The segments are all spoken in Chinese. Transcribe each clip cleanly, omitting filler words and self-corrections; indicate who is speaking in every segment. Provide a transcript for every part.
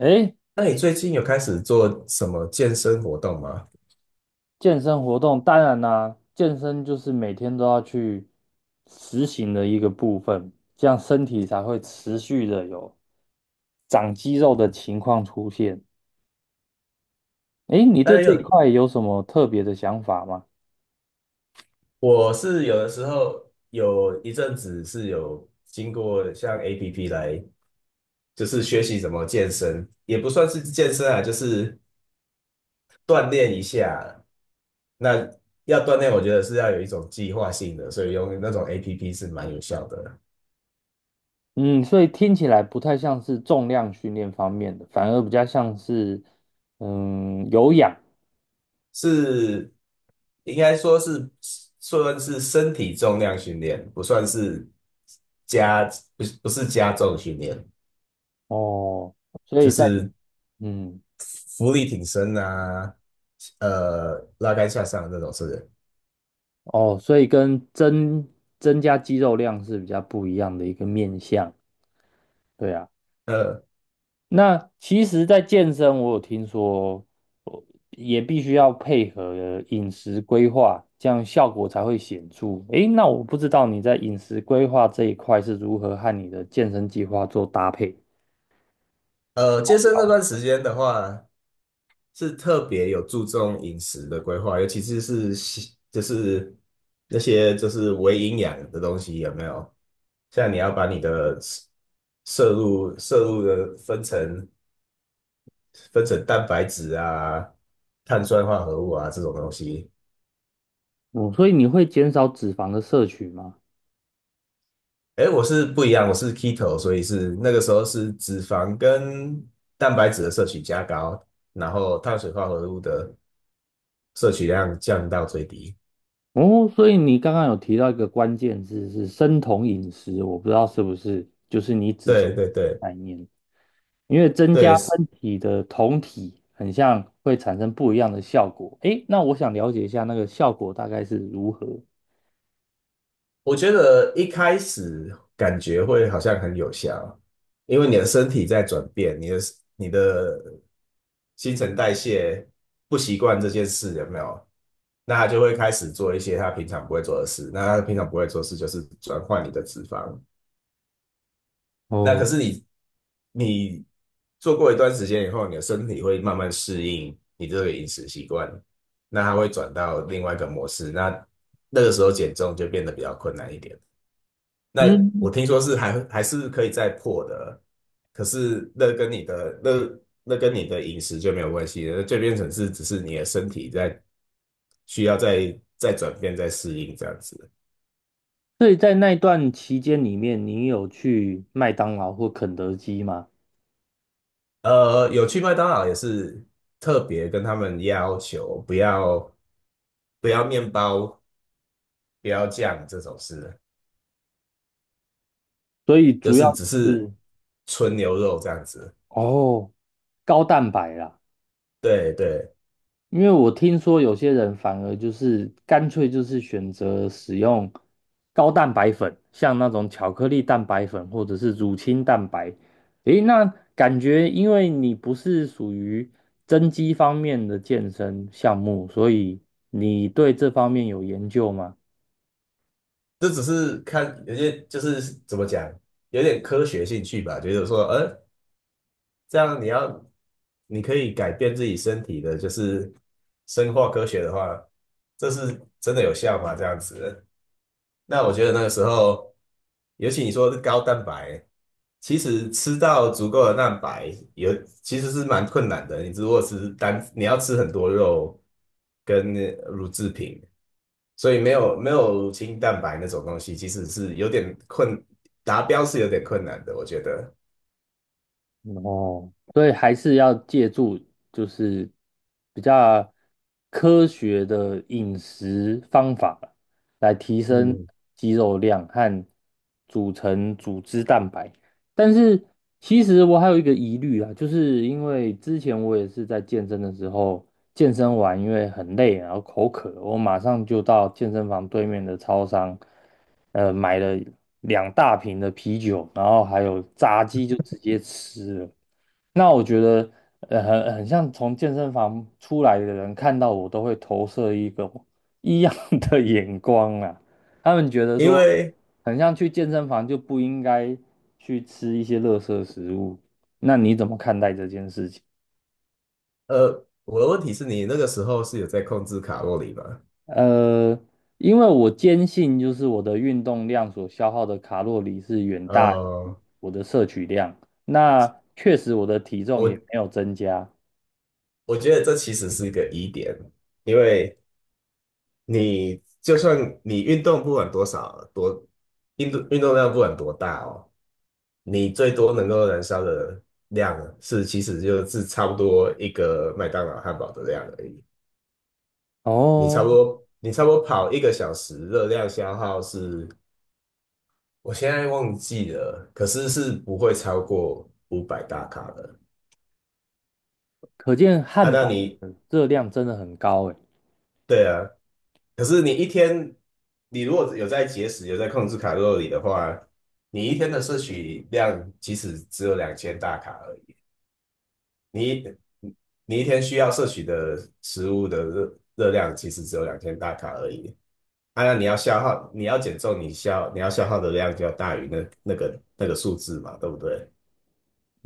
Speaker 1: 诶，
Speaker 2: 那你最近有开始做什么健身活动吗？
Speaker 1: 健身活动当然啦、健身就是每天都要去实行的一个部分，这样身体才会持续的有长肌肉的情况出现。诶，你
Speaker 2: 当
Speaker 1: 对
Speaker 2: 然
Speaker 1: 这一
Speaker 2: 有，
Speaker 1: 块有什么特别的想法吗？
Speaker 2: 我是有的时候有一阵子是有经过像 APP 来，就是学习怎么健身，也不算是健身啊，就是锻炼一下。那要锻炼，我觉得是要有一种计划性的，所以用那种 APP 是蛮有效的，
Speaker 1: 嗯，所以听起来不太像是重量训练方面的，反而比较像是有氧。
Speaker 2: 是应该说是算是身体重量训练，不算是加，不是加重训练。
Speaker 1: 哦，所
Speaker 2: 就
Speaker 1: 以在
Speaker 2: 是
Speaker 1: 嗯
Speaker 2: 浮力挺身啊，拉杆下上的那种，是不是？
Speaker 1: 哦，所以跟增加肌肉量是比较不一样的一个面向。对啊。
Speaker 2: 呃
Speaker 1: 那其实，在健身，我有听说，呃也必须要配合饮食规划，这样效果才会显著。诶，那我不知道你在饮食规划这一块是如何和你的健身计划做搭配。
Speaker 2: 健身那段时间的话，是特别有注重饮食的规划，尤其是西就是那些就是微营养的东西有没有？像你要把你的摄入的分成蛋白质啊、碳酸化合物啊这种东西，
Speaker 1: 哦，嗯，所以你会减少脂肪的摄取吗？
Speaker 2: 哎，我是不一样，我是 keto,所以是那个时候是脂肪跟蛋白质的摄取加高，然后碳水化合物的摄取量降到最低。
Speaker 1: 哦，所以你刚刚有提到一个关键字是生酮饮食，我不知道是不是就是你指出的
Speaker 2: 对对对
Speaker 1: 概念。因为增加
Speaker 2: 对，
Speaker 1: 身体的酮体，很像会产生不一样的效果。诶，那我想了解一下那个效果大概是如何。
Speaker 2: 我觉得一开始感觉会好像很有效，因为你的身体在转变，你的新陈代谢不习惯这件事，有没有？那他就会开始做一些他平常不会做的事，那他平常不会做的事就是转换你的脂肪。那可
Speaker 1: 哦，
Speaker 2: 是你做过一段时间以后，你的身体会慢慢适应你这个饮食习惯，那它会转到另外一个模式，那那个时候减重就变得比较困难一点。那
Speaker 1: 嗯，
Speaker 2: 我听说是还是可以再破的，可是那跟你的那跟你的饮食就没有关系了，就变成是只是你的身体在需要再转变、再适应这样子。
Speaker 1: 所以在那段期间里面，你有去麦当劳或肯德基吗？
Speaker 2: 有去麦当劳也是特别跟他们要求不要面包，不要酱这种事，
Speaker 1: 所以
Speaker 2: 就
Speaker 1: 主
Speaker 2: 是
Speaker 1: 要
Speaker 2: 只是
Speaker 1: 是。
Speaker 2: 纯牛肉这样子。
Speaker 1: 哦，高蛋白啦。
Speaker 2: 对对，
Speaker 1: 因为我听说有些人反而就是干脆就是选择使用高蛋白粉，像那种巧克力蛋白粉或者是乳清蛋白。诶，那感觉因为你不是属于增肌方面的健身项目，所以你对这方面有研究吗？
Speaker 2: 这只是看有些就是怎么讲，有点科学兴趣吧，觉得说，这样你可以改变自己身体的，就是生化科学的话，这是真的有效吗？这样子。那我觉得那个时候，尤其你说是高蛋白，其实吃到足够的蛋白其实是蛮困难的。你如果是单，你要吃很多肉跟乳制品，所以没有乳清蛋白那种东西，其实是有点困，达标是有点困难的，我觉得。
Speaker 1: 哦，所以还是要借助就是比较科学的饮食方法来提升
Speaker 2: 嗯，
Speaker 1: 肌肉量和组成组织蛋白。但是其实我还有一个疑虑啊，就是因为之前我也是在健身的时候，健身完因为很累，然后口渴，我马上就到健身房对面的超商，买了两大瓶的啤酒，然后还有炸鸡就直接吃了。那我觉得，很像从健身房出来的人看到我，都会投射一个异样 的眼光啊。他们觉得
Speaker 2: 因
Speaker 1: 说，
Speaker 2: 为
Speaker 1: 很像去健身房就不应该去吃一些垃圾食物。那你怎么看待这件事情？
Speaker 2: 我的问题是你那个时候是有在控制卡路里吗？
Speaker 1: 呃，因为我坚信，就是我的运动量所消耗的卡路里是远大于
Speaker 2: 呃，
Speaker 1: 我的摄取量。那确实，我的体重也没
Speaker 2: 我
Speaker 1: 有增加。
Speaker 2: 我觉得这其实是一个疑点，因为你就算你运动不管多少运动量不管多大哦，你最多能够燃烧的量是其实就是差不多一个麦当劳汉堡的量而已。你差不
Speaker 1: 哦，
Speaker 2: 多你差不多跑一个小时，热量消耗是我现在忘记了，可是是不会超过五百大卡的。
Speaker 1: 可见
Speaker 2: 啊，
Speaker 1: 汉
Speaker 2: 那
Speaker 1: 堡
Speaker 2: 你
Speaker 1: 的热量真的很高哎。
Speaker 2: 对啊，可是你一天，你如果有在节食，有在控制卡路里的话，你一天的摄取量其实只有两千大卡而已，你你一天需要摄取的食物的热量其实只有两千大卡而已。当然，你要消耗，你要减重，你要消耗的量就要大于那个数字嘛，对不对？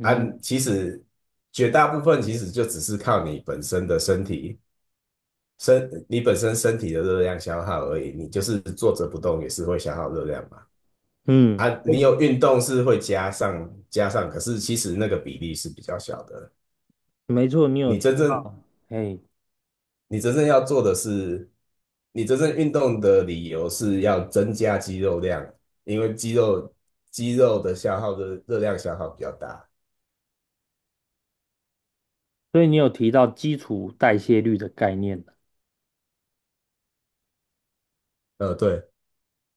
Speaker 2: 啊，其实绝大部分其实就只是靠你本身的身体身你本身身体的热量消耗而已，你就是坐着不动也是会消耗热量嘛。
Speaker 1: 嗯，
Speaker 2: 啊，你有运动是会加上，可是其实那个比例是比较小的。
Speaker 1: 没错，你有
Speaker 2: 你
Speaker 1: 提
Speaker 2: 真正
Speaker 1: 到，哎，
Speaker 2: 你真正要做的是，你真正运动的理由是要增加肌肉量，因为肌肉的消耗的热量消耗比较大。
Speaker 1: 所以你有提到基础代谢率的概念。
Speaker 2: 对，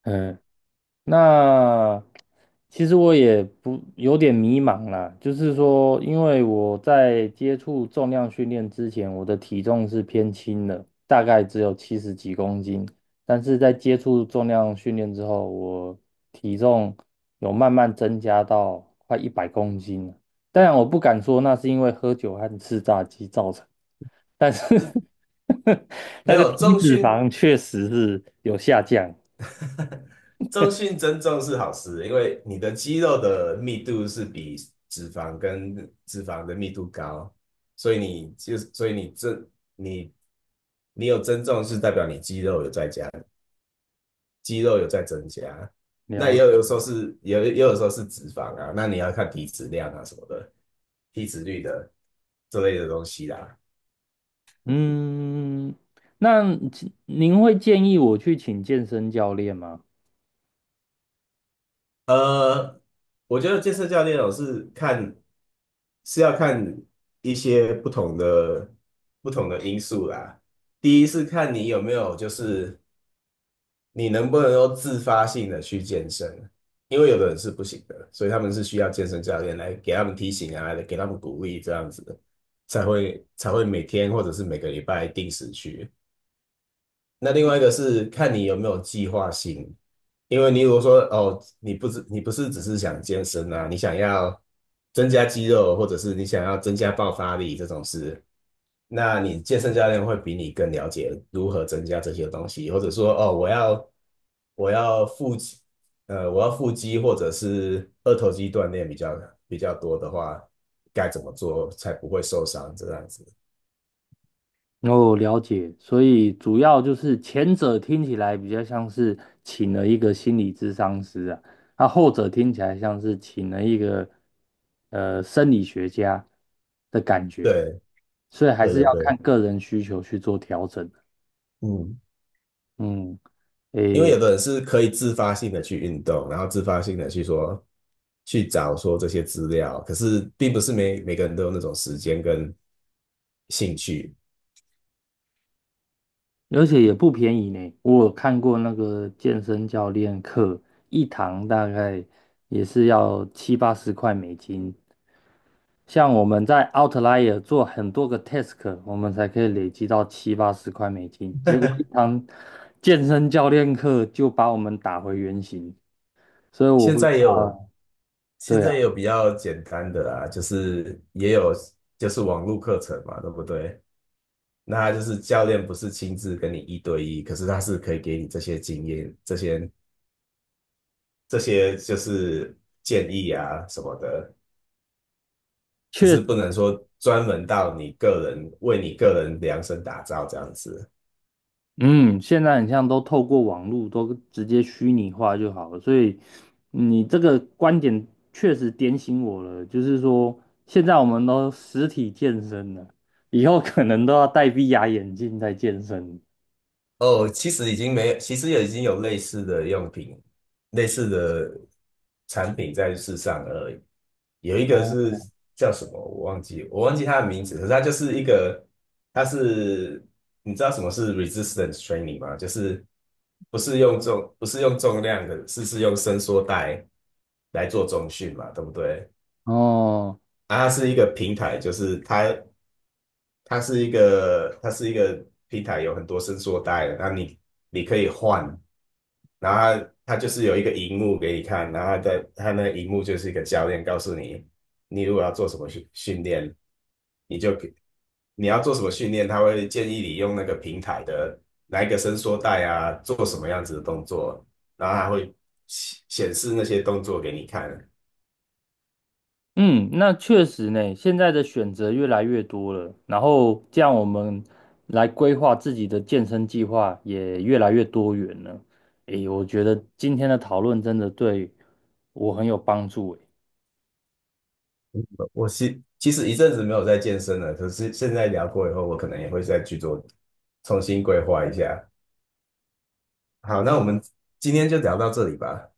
Speaker 1: 嗯，那其实我也不有点迷茫啦，就是说，因为我在接触重量训练之前，我的体重是偏轻的，大概只有七十几公斤，但是在接触重量训练之后，我体重有慢慢增加到快100公斤了。当然，我不敢说那是因为喝酒和吃炸鸡造成，但是
Speaker 2: 没
Speaker 1: 那个
Speaker 2: 有
Speaker 1: 体
Speaker 2: 重
Speaker 1: 脂
Speaker 2: 训
Speaker 1: 肪确实是有下降。
Speaker 2: 中性增重是好事，因为你的肌肉的密度是比脂肪跟脂肪的密度高，所以你就所以你这，你你有增重是代表你肌肉有在加，肌肉有在增加。那也
Speaker 1: 了
Speaker 2: 有有时候是也有也有时候是脂肪啊，那你要看体脂量啊什么的，体脂率的这类的东西啦。
Speaker 1: 嗯，那请您会建议我去请健身教练吗？
Speaker 2: 呃，我觉得健身教练哦是看是要看一些不同的因素啦。第一是看你有没有，就是你能不能够自发性的去健身，因为有的人是不行的，所以他们是需要健身教练来给他们提醒啊，给他们鼓励，这样子才会每天或者是每个礼拜定时去。那另外一个是看你有没有计划性，因为你如果说哦，你不是只是想健身啊，你想要增加肌肉，或者是你想要增加爆发力这种事，那你健身教练会比你更了解如何增加这些东西，或者说哦，我要腹肌，我要腹肌或者是二头肌锻炼比较多的话，该怎么做才不会受伤这样子？
Speaker 1: 哦，了解，所以主要就是前者听起来比较像是请了一个心理咨商师啊，那后者听起来像是请了一个生理学家的感觉，
Speaker 2: 对
Speaker 1: 所以还
Speaker 2: 对
Speaker 1: 是
Speaker 2: 对
Speaker 1: 要看
Speaker 2: 对，
Speaker 1: 个人需求去做调整。
Speaker 2: 嗯。
Speaker 1: 嗯。
Speaker 2: 因为有的人是可以自发性的去运动，然后自发性的去找说这些资料，可是并不是每个人都有那种时间跟兴趣。
Speaker 1: 而且也不便宜呢。我有看过那个健身教练课，一堂大概也是要七八十块美金。像我们在 Outlier 做很多个 task，我们才可以累积到七八十块美金。结果一堂健身教练课就把我们打回原形，所以我
Speaker 2: 现
Speaker 1: 不知
Speaker 2: 在也
Speaker 1: 道
Speaker 2: 有，
Speaker 1: 啊。
Speaker 2: 现
Speaker 1: 对啊，
Speaker 2: 在也有比较简单的啦，就是也有就是网络课程嘛，对不对？那他就是教练不是亲自跟你一对一，可是他是可以给你这些经验、这些就是建议啊什么的。只是
Speaker 1: 确。
Speaker 2: 不能说专门到你个人为你个人量身打造这样子。
Speaker 1: 嗯，现在很像都透过网络都直接虚拟化就好了，所以你这个观点确实点醒我了，就是说现在我们都实体健身了，以后可能都要戴 VR 眼镜在健身。
Speaker 2: 哦，其实已经没有，其实也已经有类似的用品、类似的产品在世上而已。有一个
Speaker 1: 哦，
Speaker 2: 是叫什么，我忘记它的名字，可是它就是一个，它是你知道什么是 resistance training 吗？就是不是用重量的，是用伸缩带来做重训嘛，对不对？
Speaker 1: 哦，
Speaker 2: 啊，它是一个平台，就是它是一个平台，有很多伸缩带的，那你可以换，然后它就是有一个荧幕给你看，然后它那个荧幕就是一个教练告诉你，你如果要做什么训练，你就给你要做什么训练，他会建议你用那个平台的哪一个伸缩带啊，做什么样子的动作，然后它会显示那些动作给你看。
Speaker 1: 嗯，那确实呢，现在的选择越来越多了，然后这样我们来规划自己的健身计划也越来越多元了。诶，我觉得今天的讨论真的对我很有帮助。
Speaker 2: 我其实一阵子没有在健身了，可是现在聊过以后，我可能也会再去做重新规划一下。好，那我们今天就聊到这里吧。